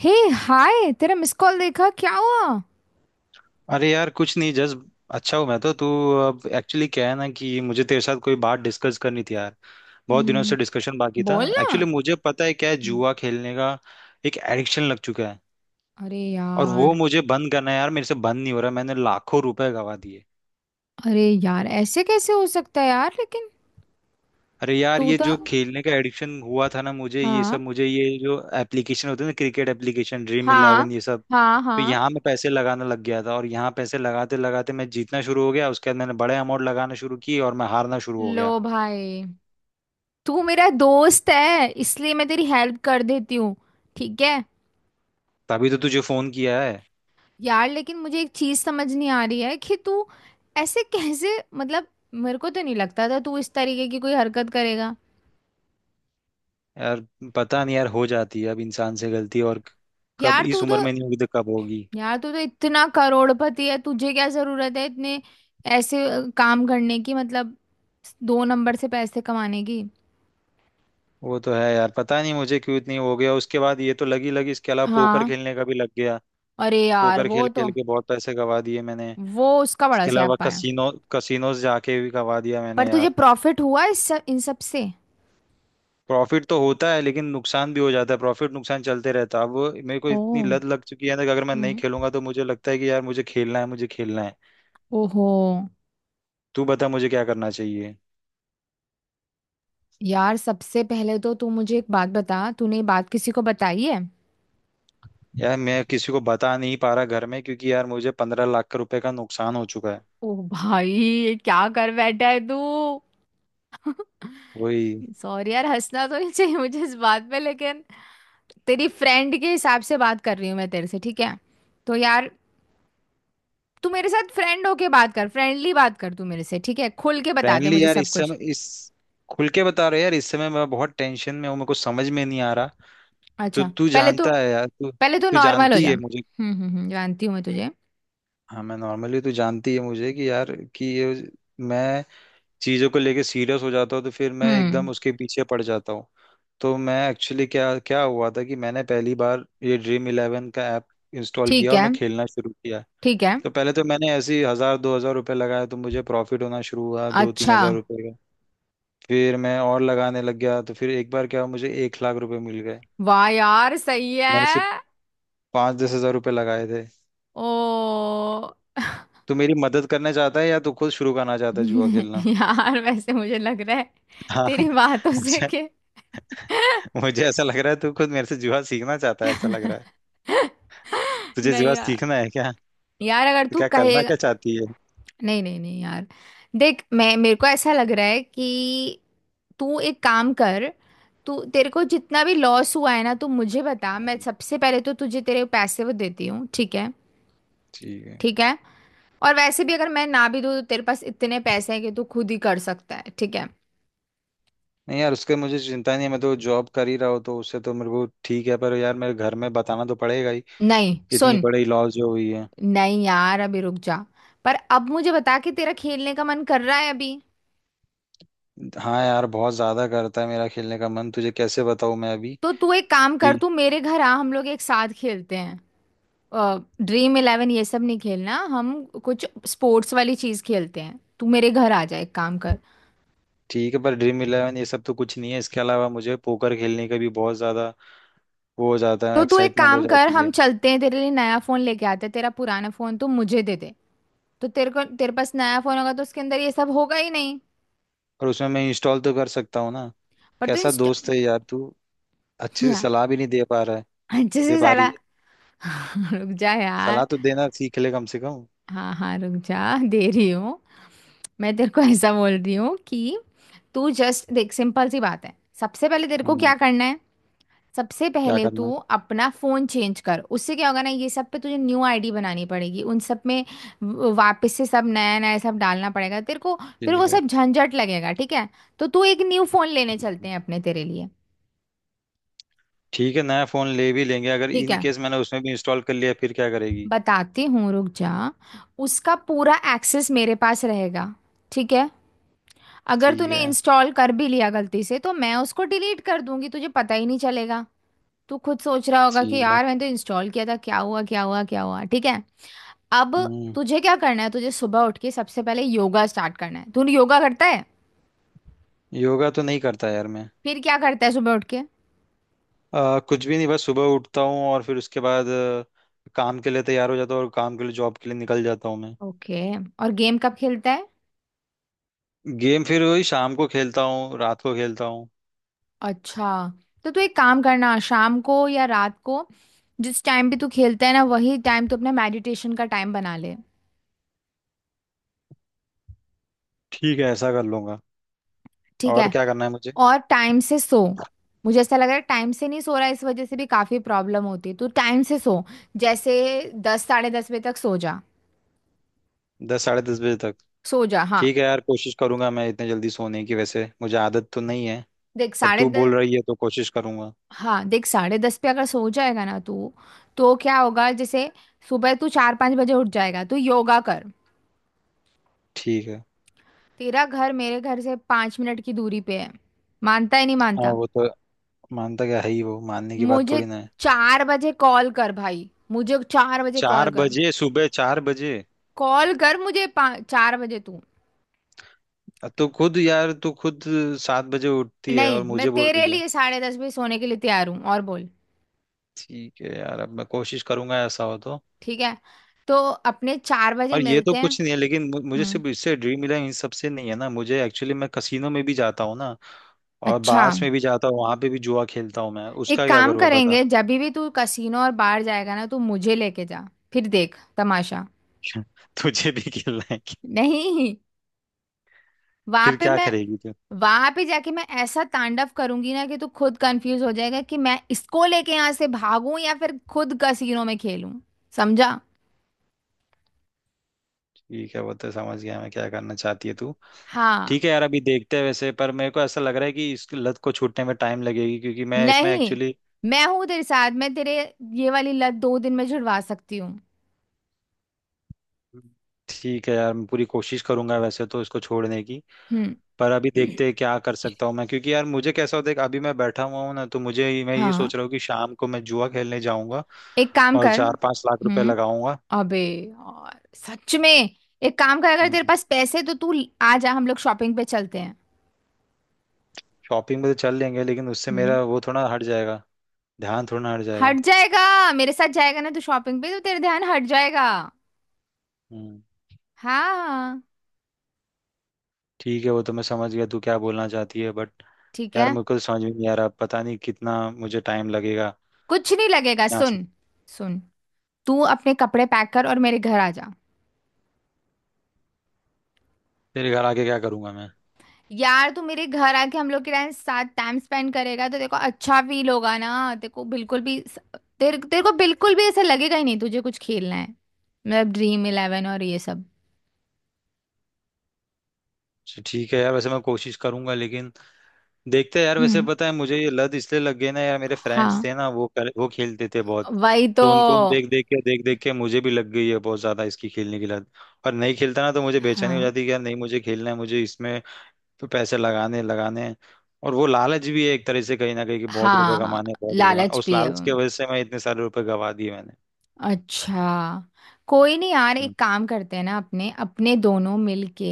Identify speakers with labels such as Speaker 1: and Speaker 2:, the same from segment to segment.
Speaker 1: हे, hi. तेरा miss call देखा, क्या हुआ?
Speaker 2: अरे यार कुछ नहीं, जस्ट अच्छा हूँ मैं तो। तू? अब एक्चुअली क्या है ना, कि मुझे तेरे साथ कोई बात डिस्कस करनी थी यार। बहुत दिनों
Speaker 1: हम्म,
Speaker 2: से डिस्कशन बाकी था।
Speaker 1: बोल ना।
Speaker 2: एक्चुअली मुझे पता है क्या है,
Speaker 1: हम्म।
Speaker 2: जुआ खेलने का एक एडिक्शन लग चुका है
Speaker 1: अरे
Speaker 2: और वो
Speaker 1: यार।
Speaker 2: मुझे बंद करना है यार। मेरे से बंद नहीं हो रहा, मैंने लाखों रुपए गवा दिए।
Speaker 1: अरे यार, ऐसे कैसे हो सकता है यार, लेकिन।
Speaker 2: अरे यार,
Speaker 1: तू
Speaker 2: ये
Speaker 1: तो।
Speaker 2: जो खेलने का एडिक्शन हुआ था ना मुझे, ये
Speaker 1: हाँ,
Speaker 2: सब मुझे ये जो एप्लीकेशन होते हैं ना, क्रिकेट एप्लीकेशन, ड्रीम
Speaker 1: हाँ,
Speaker 2: इलेवन, ये सब।
Speaker 1: हाँ,
Speaker 2: तो
Speaker 1: हाँ।
Speaker 2: यहाँ मैं पैसे लगाने लग गया था और यहाँ पैसे लगाते लगाते मैं जीतना शुरू हो गया। उसके बाद मैंने बड़े अमाउंट लगाना शुरू की और मैं हारना शुरू हो
Speaker 1: लो
Speaker 2: गया।
Speaker 1: भाई। तू मेरा दोस्त है, इसलिए मैं तेरी हेल्प कर देती हूँ। ठीक है।
Speaker 2: तभी तो तुझे फोन किया है।
Speaker 1: यार, लेकिन मुझे एक चीज समझ नहीं आ रही है कि तू। ऐसे कैसे। मतलब। मेरे को तो नहीं लगता था तू इस तरीके की कोई हरकत करेगा।
Speaker 2: यार पता नहीं यार, हो जाती है अब इंसान से गलती, और कब
Speaker 1: यार,
Speaker 2: इस
Speaker 1: तू
Speaker 2: उम्र
Speaker 1: तो।
Speaker 2: में नहीं होगी तो कब होगी।
Speaker 1: यार, तू तो इतना करोड़पति है, तुझे क्या जरूरत है इतने। ऐसे काम करने की, मतलब। दो नंबर से पैसे कमाने की।
Speaker 2: वो तो है यार, पता नहीं मुझे क्यों इतनी हो गया। उसके बाद ये तो लगी लगी। इसके अलावा पोकर
Speaker 1: हाँ।
Speaker 2: खेलने का भी लग गया।
Speaker 1: अरे यार,
Speaker 2: पोकर
Speaker 1: वो
Speaker 2: खेल
Speaker 1: तो।
Speaker 2: खेल के बहुत पैसे गवा दिए मैंने।
Speaker 1: वो उसका बड़ा
Speaker 2: इसके अलावा
Speaker 1: स्यापा है।
Speaker 2: कसिनोज जाके भी गवा दिया
Speaker 1: पर
Speaker 2: मैंने
Speaker 1: तुझे
Speaker 2: यार।
Speaker 1: प्रॉफिट हुआ इस सब, इन सब से?
Speaker 2: प्रॉफिट तो होता है लेकिन नुकसान भी हो जाता है, प्रॉफिट नुकसान चलते रहता है। अब वो मेरे को
Speaker 1: ओ।
Speaker 2: इतनी लत लग चुकी है ना, कि अगर मैं नहीं
Speaker 1: हम्म।
Speaker 2: खेलूंगा तो मुझे लगता है कि यार मुझे खेलना है मुझे खेलना है।
Speaker 1: ओहो।
Speaker 2: तू बता मुझे क्या करना चाहिए।
Speaker 1: यार, सबसे पहले तो तू मुझे एक बात बता, तूने ये बात किसी को बताई है?
Speaker 2: यार मैं किसी को बता नहीं पा रहा घर में, क्योंकि यार मुझे 15 लाख का रुपए का नुकसान हो चुका है।
Speaker 1: ओ भाई, ये क्या कर बैठा है तू?
Speaker 2: वही।
Speaker 1: सॉरी यार, हंसना तो नहीं चाहिए मुझे इस बात पे, लेकिन। तेरी फ्रेंड के हिसाब से बात कर रही हूँ मैं तेरे से, ठीक है। तो यार। तू मेरे साथ फ्रेंड होके बात कर, फ्रेंडली बात कर तू मेरे से। ठीक है, खुल के बता दे
Speaker 2: फ्रेंडली
Speaker 1: मुझे
Speaker 2: यार,
Speaker 1: सब
Speaker 2: इस
Speaker 1: कुछ।
Speaker 2: समय इस खुल के बता रहे यार, इस समय मैं बहुत टेंशन में हूँ, मेरे को समझ में नहीं आ रहा। तो
Speaker 1: अच्छा,
Speaker 2: तू
Speaker 1: पहले तू।
Speaker 2: जानता है यार, तू
Speaker 1: पहले तू
Speaker 2: तू
Speaker 1: नॉर्मल हो
Speaker 2: जानती
Speaker 1: जा।
Speaker 2: है मुझे।
Speaker 1: जानती हूँ मैं तुझे।
Speaker 2: हाँ, मैं नॉर्मली, तू जानती है मुझे कि यार, कि ये मैं चीज़ों को लेके सीरियस हो जाता हूँ तो फिर मैं
Speaker 1: हम्म।
Speaker 2: एकदम उसके पीछे पड़ जाता हूँ। तो मैं एक्चुअली क्या क्या हुआ था, कि मैंने पहली बार ये ड्रीम इलेवन का ऐप इंस्टॉल
Speaker 1: ठीक
Speaker 2: किया और
Speaker 1: है।
Speaker 2: मैं खेलना शुरू किया।
Speaker 1: ठीक है।
Speaker 2: तो पहले तो मैंने ऐसे ही हजार दो हजार रुपये लगाया, तो मुझे प्रॉफिट होना शुरू हुआ, दो तीन
Speaker 1: अच्छा।
Speaker 2: हजार रुपये का। फिर मैं और लगाने लग गया, तो फिर एक बार क्या हुआ, मुझे 1 लाख रुपए मिल गए।
Speaker 1: वाह यार, सही
Speaker 2: मैंने सिर्फ
Speaker 1: है।
Speaker 2: 5-10 हजार रुपये लगाए थे।
Speaker 1: ओ।
Speaker 2: तो मेरी मदद करना चाहता है या तो खुद शुरू करना चाहता है जुआ खेलना।
Speaker 1: यार, वैसे मुझे लग रहा है।
Speaker 2: हाँ
Speaker 1: तेरी बातों से
Speaker 2: मुझे
Speaker 1: के।
Speaker 2: मुझे ऐसा लग रहा है तू खुद मेरे से जुआ सीखना चाहता है, ऐसा लग रहा है। तुझे
Speaker 1: नहीं
Speaker 2: जुआ
Speaker 1: यार।
Speaker 2: सीखना है क्या?
Speaker 1: यार, अगर
Speaker 2: तो
Speaker 1: तू
Speaker 2: क्या
Speaker 1: कहे।
Speaker 2: करना क्या चाहती है?
Speaker 1: नहीं, नहीं, नहीं यार। देख, मैं मेरे को ऐसा लग रहा है कि। तू एक काम कर। तू, तेरे को जितना भी लॉस हुआ है ना, तू मुझे बता। मैं
Speaker 2: हम्म।
Speaker 1: सबसे पहले तो तुझे तेरे पैसे वो देती हूँ, ठीक है।
Speaker 2: ठीक है।
Speaker 1: ठीक है। और वैसे भी अगर मैं ना भी दूँ, तो तेरे पास इतने पैसे हैं कि तू खुद ही कर सकता है, ठीक है।
Speaker 2: नहीं यार, उसके मुझे चिंता नहीं है, मैं तो जॉब कर ही रहा हूँ तो उससे तो मेरे को ठीक है, पर यार मेरे घर में बताना तो पड़ेगा ही,
Speaker 1: नहीं,
Speaker 2: इतनी
Speaker 1: सुन।
Speaker 2: बड़ी लॉस जो हुई है।
Speaker 1: नहीं यार, अभी रुक जा। पर अब मुझे बता कि तेरा खेलने का मन कर रहा है अभी?
Speaker 2: हाँ यार बहुत ज्यादा करता है मेरा खेलने का मन, तुझे कैसे बताऊं मैं अभी
Speaker 1: तो तू एक काम कर,
Speaker 2: कि।
Speaker 1: तू मेरे घर आ, हम लोग एक साथ खेलते हैं। ड्रीम इलेवन ये सब नहीं खेलना हम। कुछ स्पोर्ट्स वाली चीज खेलते हैं। तू मेरे घर आ जा, एक काम कर।
Speaker 2: ठीक है, पर ड्रीम इलेवन ये सब तो कुछ नहीं है, इसके अलावा मुझे पोकर खेलने का भी बहुत ज्यादा वो हो जाता है,
Speaker 1: तो तू एक
Speaker 2: एक्साइटमेंट हो
Speaker 1: काम कर,
Speaker 2: जाती है।
Speaker 1: हम चलते हैं, तेरे लिए नया फोन लेके आते हैं। तेरा पुराना फोन तू मुझे दे दे। तो तेरे पास नया फोन होगा तो उसके अंदर ये सब होगा ही नहीं।
Speaker 2: और उसमें मैं इंस्टॉल तो कर सकता हूँ ना?
Speaker 1: पर तू
Speaker 2: कैसा
Speaker 1: इंस्टा।
Speaker 2: दोस्त है यार तू, अच्छे से
Speaker 1: यार,
Speaker 2: सलाह भी नहीं दे पा रहा है।
Speaker 1: अच्छे
Speaker 2: दे
Speaker 1: से
Speaker 2: पा रही
Speaker 1: साला।
Speaker 2: है,
Speaker 1: रुक जा यार।
Speaker 2: सलाह तो देना सीख ले कम से कम।
Speaker 1: हाँ, हाँ, रुक जा, दे रही हूँ। मैं तेरे को ऐसा बोल रही हूँ कि। तू जस्ट देख, सिंपल सी बात है। सबसे पहले तेरे को
Speaker 2: हम्म।
Speaker 1: क्या करना है? सबसे
Speaker 2: क्या
Speaker 1: पहले
Speaker 2: करना है?
Speaker 1: तू अपना फोन चेंज कर, उससे क्या होगा ना, ये सब पे तुझे न्यू आईडी बनानी पड़ेगी उन सब में। वापस से सब नया नया सब डालना पड़ेगा तेरे को। फिर वो
Speaker 2: ठीक है।
Speaker 1: सब झंझट लगेगा, ठीक है। तो तू एक न्यू फोन लेने चलते
Speaker 2: हम्म,
Speaker 1: हैं अपने, तेरे लिए।
Speaker 2: ठीक है, नया फोन ले भी लेंगे, अगर
Speaker 1: ठीक
Speaker 2: इन
Speaker 1: है।
Speaker 2: केस मैंने उसमें भी इंस्टॉल कर लिया फिर क्या करेगी?
Speaker 1: बताती हूँ, रुक जा। उसका पूरा एक्सेस मेरे पास रहेगा। ठीक है। अगर
Speaker 2: ठीक
Speaker 1: तूने
Speaker 2: है।
Speaker 1: इंस्टॉल कर भी लिया गलती से, तो मैं उसको डिलीट कर दूंगी, तुझे पता ही नहीं चलेगा। तू खुद सोच रहा होगा कि
Speaker 2: ठीक है।
Speaker 1: यार, मैंने तो इंस्टॉल किया था, क्या हुआ क्या हुआ क्या हुआ, ठीक है। अब।
Speaker 2: हम्म।
Speaker 1: तुझे क्या करना है? तुझे सुबह उठ के सबसे पहले योगा स्टार्ट करना है। तू योगा करता है?
Speaker 2: योगा तो नहीं करता यार मैं।
Speaker 1: फिर क्या करता है सुबह उठ के?
Speaker 2: कुछ भी नहीं, बस सुबह उठता हूँ और फिर उसके बाद काम के लिए तैयार हो जाता हूँ, और काम के लिए, जॉब के लिए निकल जाता हूँ मैं।
Speaker 1: ओके। और गेम कब खेलता है?
Speaker 2: गेम फिर वही शाम को खेलता हूँ, रात को खेलता हूँ।
Speaker 1: अच्छा। तो तू एक काम करना, शाम को या रात को। जिस टाइम भी तू खेलता है ना, वही टाइम तू अपना मेडिटेशन का टाइम बना ले।
Speaker 2: ठीक है, ऐसा कर लूंगा।
Speaker 1: ठीक
Speaker 2: और
Speaker 1: है।
Speaker 2: क्या करना है मुझे?
Speaker 1: और टाइम से सो। मुझे ऐसा लग रहा है टाइम से नहीं सो रहा है, इस वजह से भी काफी प्रॉब्लम होती है। तू टाइम से सो। जैसे, 10, 10:30 बजे तक सो जा।
Speaker 2: 10 साढ़े 10 बजे तक।
Speaker 1: सो जा, हाँ।
Speaker 2: ठीक है यार, कोशिश करूंगा मैं इतने जल्दी सोने की, वैसे मुझे आदत तो नहीं है,
Speaker 1: देख
Speaker 2: पर
Speaker 1: साढ़े।
Speaker 2: तू बोल रही है तो कोशिश करूंगा।
Speaker 1: हाँ, देख साढ़े दस पे अगर सो जाएगा ना तू, तो क्या होगा, जैसे, सुबह तू 4-5 बजे उठ जाएगा। तू योगा कर।
Speaker 2: ठीक है।
Speaker 1: तेरा घर मेरे घर से 5 मिनट की दूरी पे है। मानता है नहीं
Speaker 2: हाँ
Speaker 1: मानता।
Speaker 2: वो तो। मानता क्या है ही, वो मानने की बात
Speaker 1: मुझे
Speaker 2: थोड़ी ना है।
Speaker 1: 4 बजे कॉल कर भाई, मुझे 4 बजे कॉल
Speaker 2: चार
Speaker 1: कर।
Speaker 2: बजे? सुबह चार बजे?
Speaker 1: कॉल कर मुझे, 4 बजे तू।
Speaker 2: तो खुद यार, तू खुद 7 बजे उठती है और
Speaker 1: नहीं, मैं
Speaker 2: मुझे बोल
Speaker 1: तेरे
Speaker 2: रही है।
Speaker 1: लिए 10:30 बजे सोने के लिए तैयार हूँ, और बोल।
Speaker 2: ठीक है यार, अब मैं कोशिश करूंगा ऐसा हो तो।
Speaker 1: ठीक है। तो अपने 4 बजे
Speaker 2: और ये तो
Speaker 1: मिलते हैं।
Speaker 2: कुछ नहीं है लेकिन, मुझे
Speaker 1: हम्म।
Speaker 2: सिर्फ इससे ड्रीम मिला है, इन सबसे नहीं है ना, मुझे एक्चुअली, मैं कसिनो में भी जाता हूँ ना, और
Speaker 1: अच्छा,
Speaker 2: बार्स में भी जाता हूँ, वहां पे भी जुआ खेलता हूँ मैं,
Speaker 1: एक
Speaker 2: उसका क्या
Speaker 1: काम
Speaker 2: करूँगा बता।
Speaker 1: करेंगे, जब भी तू कसीनो और बाहर जाएगा ना, तू मुझे लेके जा। फिर देख तमाशा।
Speaker 2: तुझे भी खेलना है
Speaker 1: नहीं। वहां
Speaker 2: फिर
Speaker 1: पे
Speaker 2: क्या
Speaker 1: मैं।
Speaker 2: करेगी तू?
Speaker 1: वहां पे जाके मैं ऐसा तांडव करूंगी ना कि तू खुद कंफ्यूज हो जाएगा कि मैं इसको लेके यहाँ से भागूं या फिर खुद कसीनो में खेलूं। समझा।
Speaker 2: ठीक है, वो तो समझ गया मैं, क्या करना चाहती है तू।
Speaker 1: हाँ।
Speaker 2: ठीक है यार अभी देखते हैं, वैसे पर मेरे को ऐसा लग रहा है कि इस लत को छूटने में टाइम लगेगी, क्योंकि मैं इसमें
Speaker 1: नहीं।
Speaker 2: एक्चुअली।
Speaker 1: मैं हूं तेरे साथ, मैं तेरे। ये वाली लत 2 दिन में छुड़वा सकती हूँ।
Speaker 2: ठीक है यार मैं पूरी कोशिश करूंगा वैसे तो इसको छोड़ने की,
Speaker 1: हम्म।
Speaker 2: पर अभी देखते हैं क्या कर सकता हूँ मैं, क्योंकि यार मुझे कैसा होता है कि अभी मैं बैठा हुआ हूँ ना, तो मुझे मैं ये
Speaker 1: हाँ।
Speaker 2: सोच रहा हूँ कि शाम को मैं जुआ खेलने जाऊंगा
Speaker 1: एक काम
Speaker 2: और
Speaker 1: कर।
Speaker 2: 4-5 लाख रुपए
Speaker 1: हम्म।
Speaker 2: लगाऊंगा।
Speaker 1: अबे। और सच में एक काम कर, अगर तेरे
Speaker 2: हम्म।
Speaker 1: पास पैसे तो तू। आ जा, हम लोग शॉपिंग पे चलते हैं।
Speaker 2: शॉपिंग में तो चल लेंगे, लेकिन उससे
Speaker 1: हम्म।
Speaker 2: मेरा वो थोड़ा हट जाएगा, ध्यान थोड़ा हट जाएगा।
Speaker 1: हट जाएगा। मेरे साथ जाएगा ना तू शॉपिंग पे, तो तेरा ध्यान हट जाएगा।
Speaker 2: हम्म।
Speaker 1: हाँ।
Speaker 2: ठीक है वो तो मैं समझ गया तू क्या बोलना चाहती है, बट
Speaker 1: ठीक
Speaker 2: यार
Speaker 1: है।
Speaker 2: मुझे को तो समझ में नहीं आ रहा, पता नहीं कितना मुझे टाइम लगेगा
Speaker 1: कुछ नहीं लगेगा,
Speaker 2: यहाँ से।
Speaker 1: सुन। सुन। तू अपने कपड़े पैक कर और मेरे घर आ जा।
Speaker 2: तेरे घर आके क्या करूंगा मैं?
Speaker 1: यार, तू मेरे घर आके हम लोग के टाइम साथ टाइम स्पेंड करेगा, तो देखो अच्छा फील होगा ना तेरे को, बिल्कुल भी। तेरे तेरे को बिल्कुल भी ऐसा लगेगा ही नहीं तुझे कुछ खेलना है। मतलब ड्रीम इलेवन और ये सब।
Speaker 2: अच्छा, ठीक है यार, वैसे मैं कोशिश करूंगा लेकिन देखते हैं यार। वैसे
Speaker 1: हम्म।
Speaker 2: पता है मुझे ये लत इसलिए लग गई ना यार, मेरे फ्रेंड्स
Speaker 1: हाँ।
Speaker 2: थे ना, वो खेलते थे बहुत।
Speaker 1: वही तो।
Speaker 2: तो उनको देख देख के मुझे भी लग गई है बहुत ज्यादा इसकी खेलने की लत, और नहीं खेलता ना तो मुझे बेचैनी हो
Speaker 1: हाँ।
Speaker 2: जाती कि यार नहीं मुझे खेलना है, मुझे इसमें तो पैसे लगाने लगाने हैं। और वो लालच भी है एक तरह से कहीं ना कहीं, कि बहुत रुपए
Speaker 1: हाँ।
Speaker 2: कमाने हैं, बहुत रुपए कमाने हैं।
Speaker 1: लालच
Speaker 2: उस
Speaker 1: भी है
Speaker 2: लालच
Speaker 1: वो।
Speaker 2: की वजह से मैं इतने सारे रुपए गवा दिए मैंने।
Speaker 1: अच्छा। कोई नहीं यार, एक
Speaker 2: हम्म,
Speaker 1: काम करते हैं ना, अपने अपने दोनों मिलके।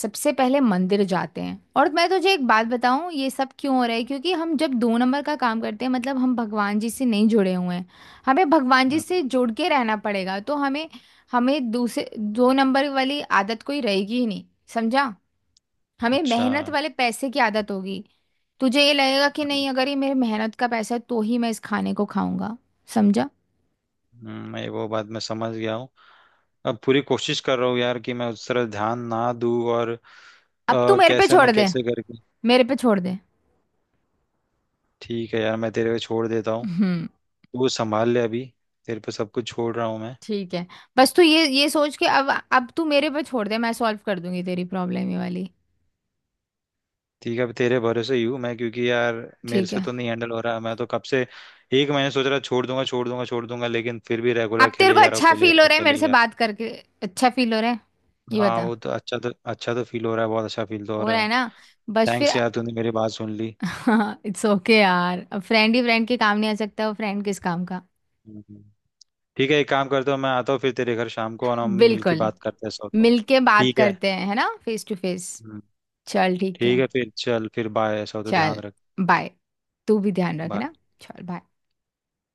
Speaker 1: सबसे पहले मंदिर जाते हैं, और मैं तुझे एक बात बताऊं, ये सब क्यों हो रहा है? क्योंकि हम जब दो नंबर का काम करते हैं, मतलब हम भगवान जी से नहीं जुड़े हुए हैं। हमें भगवान जी
Speaker 2: हम्म,
Speaker 1: से जुड़ के रहना पड़ेगा, तो हमें। हमें दूसरे दो नंबर वाली आदत कोई रहेगी ही नहीं। समझा। हमें
Speaker 2: अच्छा।
Speaker 1: मेहनत वाले पैसे की आदत होगी। तुझे ये लगेगा कि
Speaker 2: हम्म।
Speaker 1: नहीं, अगर ये मेरे मेहनत का पैसा है तो ही मैं इस खाने को खाऊंगा। समझा।
Speaker 2: मैं वो बात मैं समझ गया हूँ। अब पूरी कोशिश कर रहा हूँ यार कि मैं उस तरह ध्यान ना दूँ और
Speaker 1: अब तू मेरे पे
Speaker 2: कैसे ना
Speaker 1: छोड़ दे।
Speaker 2: कैसे करके।
Speaker 1: मेरे पे छोड़ दे।
Speaker 2: ठीक है यार, मैं तेरे पे छोड़ देता हूँ,
Speaker 1: हम्म।
Speaker 2: तू संभाल ले अभी, तेरे पे सब कुछ छोड़ रहा हूँ मैं।
Speaker 1: ठीक है। बस तू ये सोच के, अब तू मेरे पे छोड़ दे, मैं सॉल्व कर दूंगी तेरी प्रॉब्लम ये वाली।
Speaker 2: ठीक है अब तेरे भरोसे ही हूँ मैं, क्योंकि यार मेरे
Speaker 1: ठीक
Speaker 2: से
Speaker 1: है।
Speaker 2: तो नहीं हैंडल हो रहा, मैं तो कब से एक महीने सोच रहा छोड़ दूंगा छोड़ दूंगा छोड़ दूंगा, लेकिन फिर भी रेगुलर
Speaker 1: अब तेरे
Speaker 2: खेले
Speaker 1: को
Speaker 2: जा रहा हूँ
Speaker 1: अच्छा
Speaker 2: खेले जा
Speaker 1: फील
Speaker 2: रहा
Speaker 1: हो
Speaker 2: हूँ
Speaker 1: रहा है मेरे
Speaker 2: खेले
Speaker 1: से
Speaker 2: जा रहा
Speaker 1: बात करके? अच्छा फील हो रहा है?
Speaker 2: हूँ।
Speaker 1: ये
Speaker 2: हाँ
Speaker 1: बता।
Speaker 2: वो तो अच्छा तो फील हो रहा है, बहुत अच्छा फील तो हो
Speaker 1: हो
Speaker 2: रहा
Speaker 1: रहा
Speaker 2: है।
Speaker 1: है ना? बस फिर।
Speaker 2: थैंक्स यार, तूने मेरी बात सुन ली।
Speaker 1: इट्स ओके यार, अब फ्रेंड ही फ्रेंड के काम नहीं आ सकता, वो फ्रेंड किस काम का।
Speaker 2: हम्म। ठीक है, एक काम करते हो, मैं आता हूँ फिर तेरे घर शाम को और हम मिलके
Speaker 1: बिल्कुल।
Speaker 2: बात करते हैं, सो तो।
Speaker 1: मिलके बात
Speaker 2: ठीक है।
Speaker 1: करते हैं, है ना, फेस टू फेस।
Speaker 2: हम्म,
Speaker 1: चल, ठीक है।
Speaker 2: ठीक है फिर, चल फिर बाय, सो तो ध्यान
Speaker 1: चल।
Speaker 2: रख।
Speaker 1: बाय। तू भी ध्यान रख, है
Speaker 2: bye।
Speaker 1: ना। चल बाय।